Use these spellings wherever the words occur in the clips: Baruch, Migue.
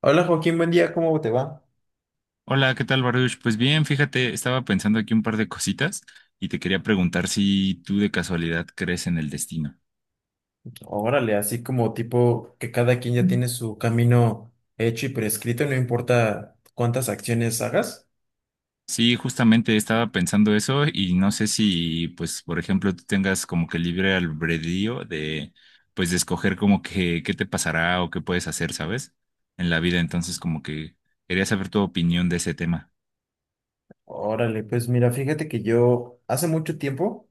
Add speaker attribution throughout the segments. Speaker 1: Hola Joaquín, buen día, ¿cómo te va?
Speaker 2: Hola, ¿qué tal, Baruch? Pues bien, fíjate, estaba pensando aquí un par de cositas y te quería preguntar si tú de casualidad crees en el destino.
Speaker 1: Órale, así como tipo que cada quien ya tiene su camino hecho y prescrito, no importa cuántas acciones hagas.
Speaker 2: Sí, justamente estaba pensando eso y no sé si, pues, por ejemplo, tú tengas como que libre albedrío de escoger como que qué te pasará o qué puedes hacer, ¿sabes? En la vida, entonces como que quería saber tu opinión de ese tema.
Speaker 1: Órale, pues mira, fíjate que yo hace mucho tiempo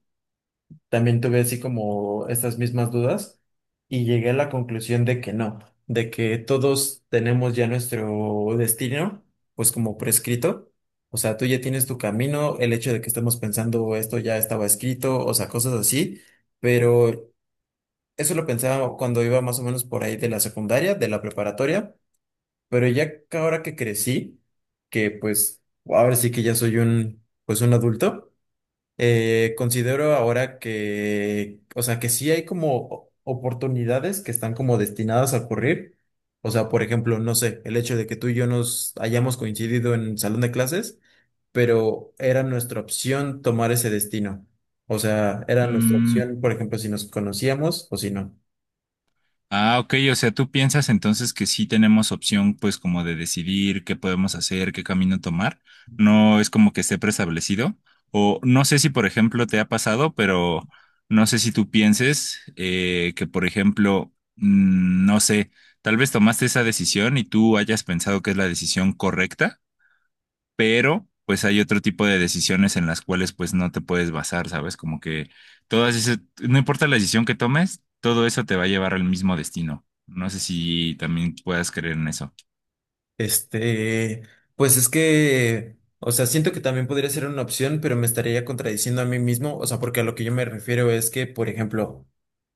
Speaker 1: también tuve así como estas mismas dudas y llegué a la conclusión de que no, de que todos tenemos ya nuestro destino, pues como prescrito. O sea, tú ya tienes tu camino, el hecho de que estemos pensando esto ya estaba escrito, o sea, cosas así. Pero eso lo pensaba cuando iba más o menos por ahí de la secundaria, de la preparatoria, pero ya que ahora que crecí, que pues ahora sí que ya soy un, pues un adulto, considero ahora que, o sea, que sí hay como oportunidades que están como destinadas a ocurrir. O sea, por ejemplo, no sé, el hecho de que tú y yo nos hayamos coincidido en el salón de clases, pero era nuestra opción tomar ese destino. O sea, era nuestra
Speaker 2: Mm.
Speaker 1: opción, por ejemplo, si nos conocíamos o si no.
Speaker 2: Ah, ok, o sea, tú piensas entonces que sí tenemos opción pues como de decidir qué podemos hacer, qué camino tomar. No es como que esté preestablecido. O no sé si, por ejemplo, te ha pasado, pero no sé si tú pienses que, por ejemplo, no sé, tal vez tomaste esa decisión y tú hayas pensado que es la decisión correcta, pero pues hay otro tipo de decisiones en las cuales pues no te puedes basar, ¿sabes? Como que todas esas, no importa la decisión que tomes, todo eso te va a llevar al mismo destino. No sé si también puedas creer en eso.
Speaker 1: Este, pues es que, o sea, siento que también podría ser una opción, pero me estaría contradiciendo a mí mismo, o sea, porque a lo que yo me refiero es que, por ejemplo,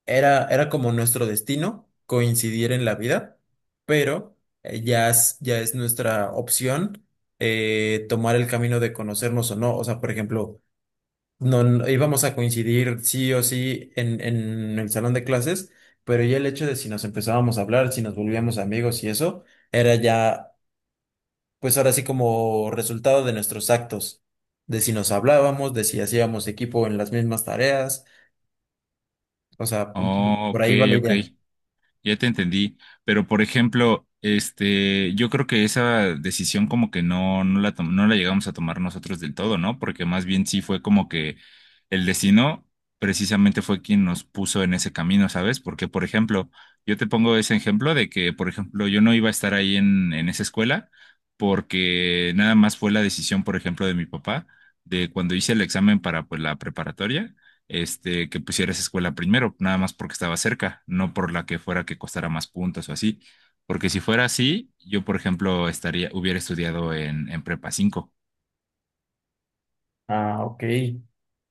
Speaker 1: era como nuestro destino coincidir en la vida, pero ya es nuestra opción tomar el camino de conocernos o no, o sea, por ejemplo, no, no íbamos a coincidir sí o sí en el salón de clases, pero ya el hecho de si nos empezábamos a hablar, si nos volvíamos amigos y eso, era ya pues ahora sí como resultado de nuestros actos, de si nos hablábamos, de si hacíamos equipo en las mismas tareas, o sea,
Speaker 2: Oh,
Speaker 1: por
Speaker 2: ok,
Speaker 1: ahí va la
Speaker 2: ok.
Speaker 1: idea.
Speaker 2: Ya te entendí, pero por ejemplo, este, yo creo que esa decisión como que no, no la llegamos a tomar nosotros del todo, ¿no? Porque más bien sí fue como que el destino precisamente fue quien nos puso en ese camino, ¿sabes? Porque, por ejemplo, yo te pongo ese ejemplo de que, por ejemplo, yo no iba a estar ahí en, esa escuela porque nada más fue la decisión, por ejemplo, de mi papá, de cuando hice el examen para, pues, la preparatoria, que pusiera esa escuela primero, nada más porque estaba cerca, no por la que fuera que costara más puntos o así. Porque si fuera así, yo, por ejemplo, estaría, hubiera estudiado en, Prepa 5,
Speaker 1: Ah, ok.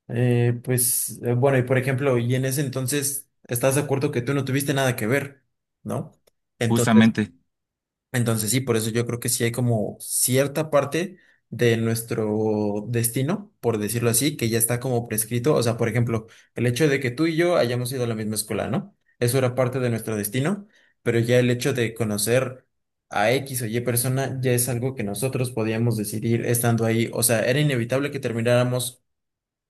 Speaker 1: Pues bueno, y por ejemplo, y en ese entonces, ¿estás de acuerdo que tú no tuviste nada que ver, ¿no? Entonces,
Speaker 2: justamente.
Speaker 1: entonces sí, por eso yo creo que sí hay como cierta parte de nuestro destino, por decirlo así, que ya está como prescrito. O sea, por ejemplo, el hecho de que tú y yo hayamos ido a la misma escuela, ¿no? Eso era parte de nuestro destino, pero ya el hecho de conocer a X o Y persona ya es algo que nosotros podíamos decidir estando ahí. O sea, era inevitable que termináramos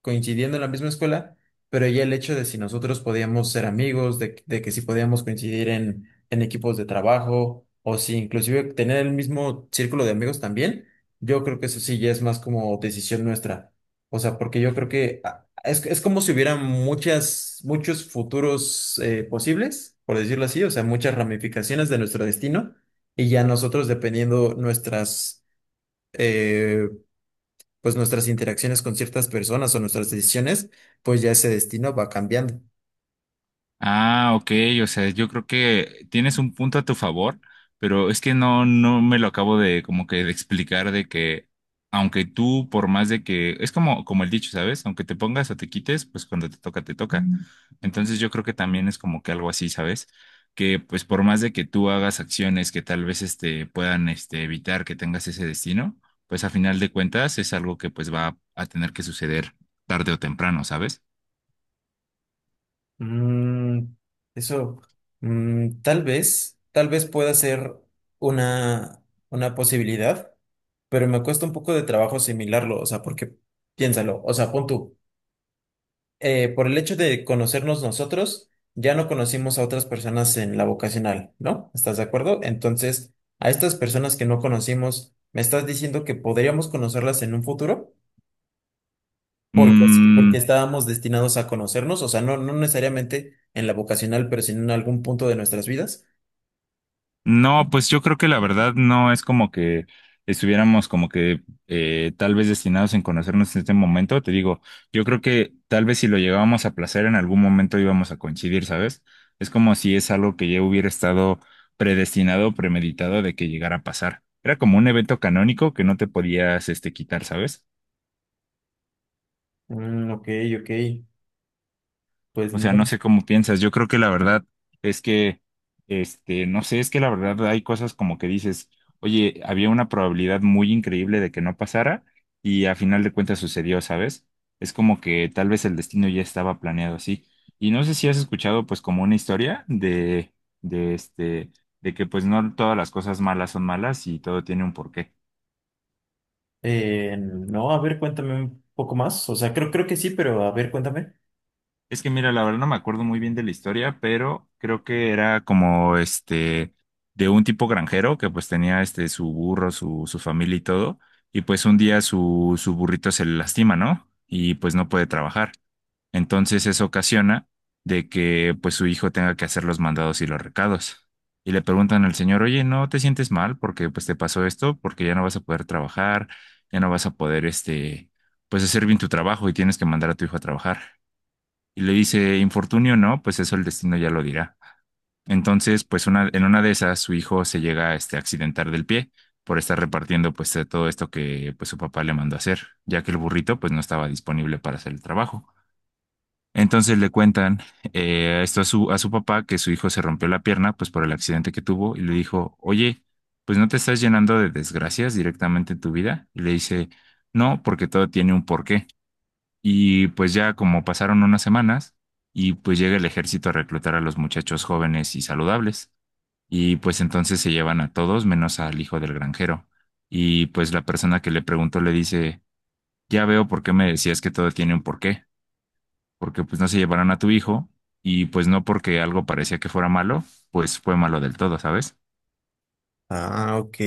Speaker 1: coincidiendo en la misma escuela, pero ya el hecho de si nosotros podíamos ser amigos, de que si podíamos coincidir en equipos de trabajo, o si inclusive tener el mismo círculo de amigos también, yo creo que eso sí ya es más como decisión nuestra. O sea, porque yo creo que es como si hubiera muchos futuros posibles, por decirlo así, o sea, muchas ramificaciones de nuestro destino, y ya nosotros dependiendo nuestras eh, pues nuestras interacciones con ciertas personas o nuestras decisiones, pues ya ese destino va cambiando.
Speaker 2: Ah, ok, o sea, yo creo que tienes un punto a tu favor, pero es que no me lo acabo de como que de explicar de que, aunque tú, por más de que, es como, como el dicho, ¿sabes? Aunque te pongas o te quites, pues cuando te toca, te toca. Entonces yo creo que también es como que algo así, ¿sabes? Que pues por más de que tú hagas acciones que tal vez puedan evitar que tengas ese destino, pues a final de cuentas es algo que pues va a tener que suceder tarde o temprano, ¿sabes?
Speaker 1: Mm, eso, tal vez pueda ser una, una posibilidad, pero me cuesta un poco de trabajo asimilarlo, o sea, porque piénsalo, o sea, pon tú, por el hecho de conocernos nosotros, ya no conocimos a otras personas en la vocacional, ¿no? ¿Estás de acuerdo? Entonces, a estas personas que no conocimos, ¿me estás diciendo que podríamos conocerlas en un futuro? Porque sí,
Speaker 2: Mm.
Speaker 1: porque estábamos destinados a conocernos, o sea, no, no necesariamente en la vocacional, pero sino en algún punto de nuestras vidas.
Speaker 2: No, pues yo creo que la verdad no es como que estuviéramos como que tal vez destinados en conocernos en este momento. Te digo, yo creo que tal vez si lo llegábamos a placer en algún momento íbamos a coincidir, ¿sabes? Es como si es algo que ya hubiera estado predestinado, premeditado de que llegara a pasar. Era como un evento canónico que no te podías quitar, ¿sabes?
Speaker 1: Mm, ok, ok. Pues
Speaker 2: O
Speaker 1: no,
Speaker 2: sea, no
Speaker 1: lo sé.
Speaker 2: sé cómo piensas. Yo creo que la verdad es que, no sé, es que la verdad hay cosas como que dices, oye, había una probabilidad muy increíble de que no pasara y a final de cuentas sucedió, ¿sabes? Es como que tal vez el destino ya estaba planeado así. Y no sé si has escuchado pues como una historia de de que pues no todas las cosas malas son malas y todo tiene un porqué.
Speaker 1: No, a ver, cuéntame un poco más. O sea, creo que sí, pero a ver, cuéntame.
Speaker 2: Es que mira, la verdad no me acuerdo muy bien de la historia, pero creo que era como este de un tipo granjero que pues tenía este su burro, su familia y todo, y pues un día su, burrito se le lastima, ¿no? Y pues no puede trabajar. Entonces eso ocasiona de que pues su hijo tenga que hacer los mandados y los recados. Y le preguntan al señor, oye, ¿no te sientes mal porque pues te pasó esto? Porque ya no vas a poder trabajar, ya no vas a poder pues hacer bien tu trabajo y tienes que mandar a tu hijo a trabajar. Y le dice, infortunio no, pues eso el destino ya lo dirá. Entonces, pues una, en una de esas, su hijo se llega a accidentar del pie por estar repartiendo pues de todo esto que pues su papá le mandó a hacer, ya que el burrito pues no estaba disponible para hacer el trabajo. Entonces le cuentan esto a su papá, que su hijo se rompió la pierna pues por el accidente que tuvo y le dijo, oye, pues no te estás llenando de desgracias directamente en tu vida. Y le dice, no, porque todo tiene un porqué. Y pues ya como pasaron unas semanas y pues llega el ejército a reclutar a los muchachos jóvenes y saludables y pues entonces se llevan a todos menos al hijo del granjero. Y pues la persona que le preguntó le dice, ya veo por qué me decías que todo tiene un porqué, porque pues no se llevaron a tu hijo y pues no porque algo parecía que fuera malo, pues fue malo del todo, ¿sabes?
Speaker 1: Ah, ok.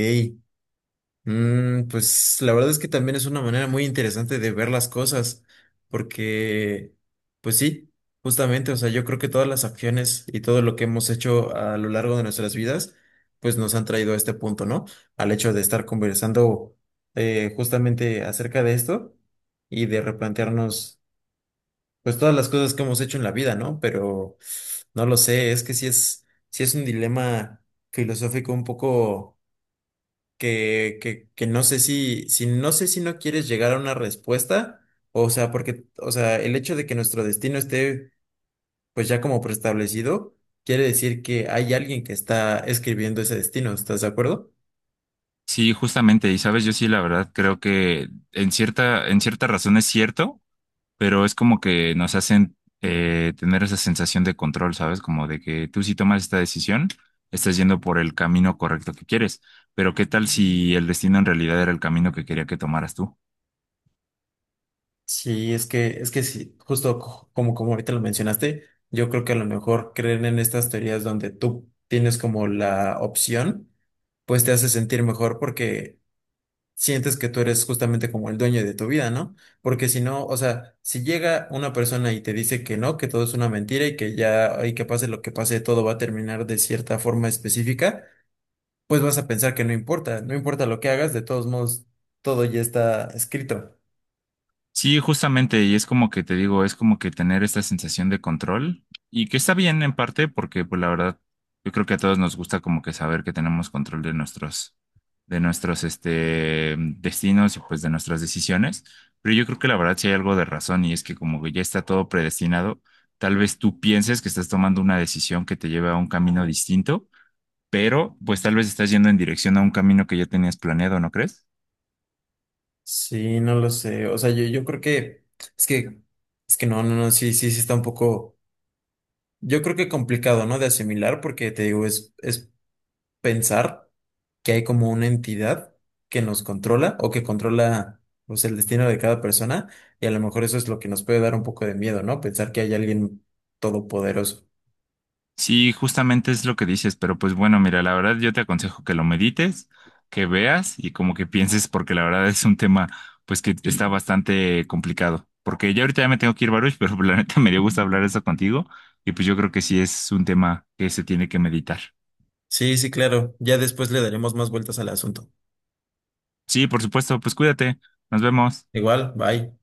Speaker 1: Mm, pues la verdad es que también es una manera muy interesante de ver las cosas, porque, pues sí, justamente, o sea, yo creo que todas las acciones y todo lo que hemos hecho a lo largo de nuestras vidas, pues nos han traído a este punto, ¿no? Al hecho de estar conversando justamente acerca de esto y de replantearnos, pues todas las cosas que hemos hecho en la vida, ¿no? Pero no lo sé, es que sí es un dilema filosófico un poco que no sé si, no sé si no quieres llegar a una respuesta, o sea, porque, o sea, el hecho de que nuestro destino esté pues ya como preestablecido, quiere decir que hay alguien que está escribiendo ese destino, ¿estás de acuerdo?
Speaker 2: Sí, justamente, y sabes, yo sí la verdad creo que en cierta razón es cierto, pero es como que nos hacen tener esa sensación de control, ¿sabes? Como de que tú, si tomas esta decisión, estás yendo por el camino correcto que quieres, pero ¿qué tal si el destino en realidad era el camino que quería que tomaras tú?
Speaker 1: Sí, es que sí, justo como, como ahorita lo mencionaste, yo creo que a lo mejor creer en estas teorías donde tú tienes como la opción, pues te hace sentir mejor porque sientes que tú eres justamente como el dueño de tu vida, ¿no? Porque si no, o sea, si llega una persona y te dice que no, que todo es una mentira y que ya, y que pase lo que pase, todo va a terminar de cierta forma específica, pues vas a pensar que no importa, no importa lo que hagas, de todos modos, todo ya está escrito.
Speaker 2: Sí, justamente, y es como que te digo, es como que tener esta sensación de control y que está bien en parte porque pues la verdad yo creo que a todos nos gusta como que saber que tenemos control de nuestros, de nuestros este destinos y pues de nuestras decisiones, pero yo creo que la verdad sí hay algo de razón y es que como que ya está todo predestinado, tal vez tú pienses que estás tomando una decisión que te lleve a un camino distinto, pero pues tal vez estás yendo en dirección a un camino que ya tenías planeado, ¿no crees?
Speaker 1: Sí, no lo sé, o sea, yo creo que, es que, es que no, no, no, sí, sí, sí está un poco, yo creo que complicado, ¿no? De asimilar porque te digo, es pensar que hay como una entidad que nos controla o que controla pues, el destino de cada persona y a lo mejor eso es lo que nos puede dar un poco de miedo, ¿no? Pensar que hay alguien todopoderoso.
Speaker 2: Sí, justamente es lo que dices, pero pues bueno, mira, la verdad yo te aconsejo que lo medites, que veas y como que pienses, porque la verdad es un tema pues que está bastante complicado. Porque ya ahorita ya me tengo que ir, Baruch, pero la neta me dio gusto hablar eso contigo y pues yo creo que sí es un tema que se tiene que meditar.
Speaker 1: Sí, sí, claro. Ya después le daremos más vueltas al asunto.
Speaker 2: Sí, por supuesto, pues cuídate, nos vemos.
Speaker 1: Igual, bye.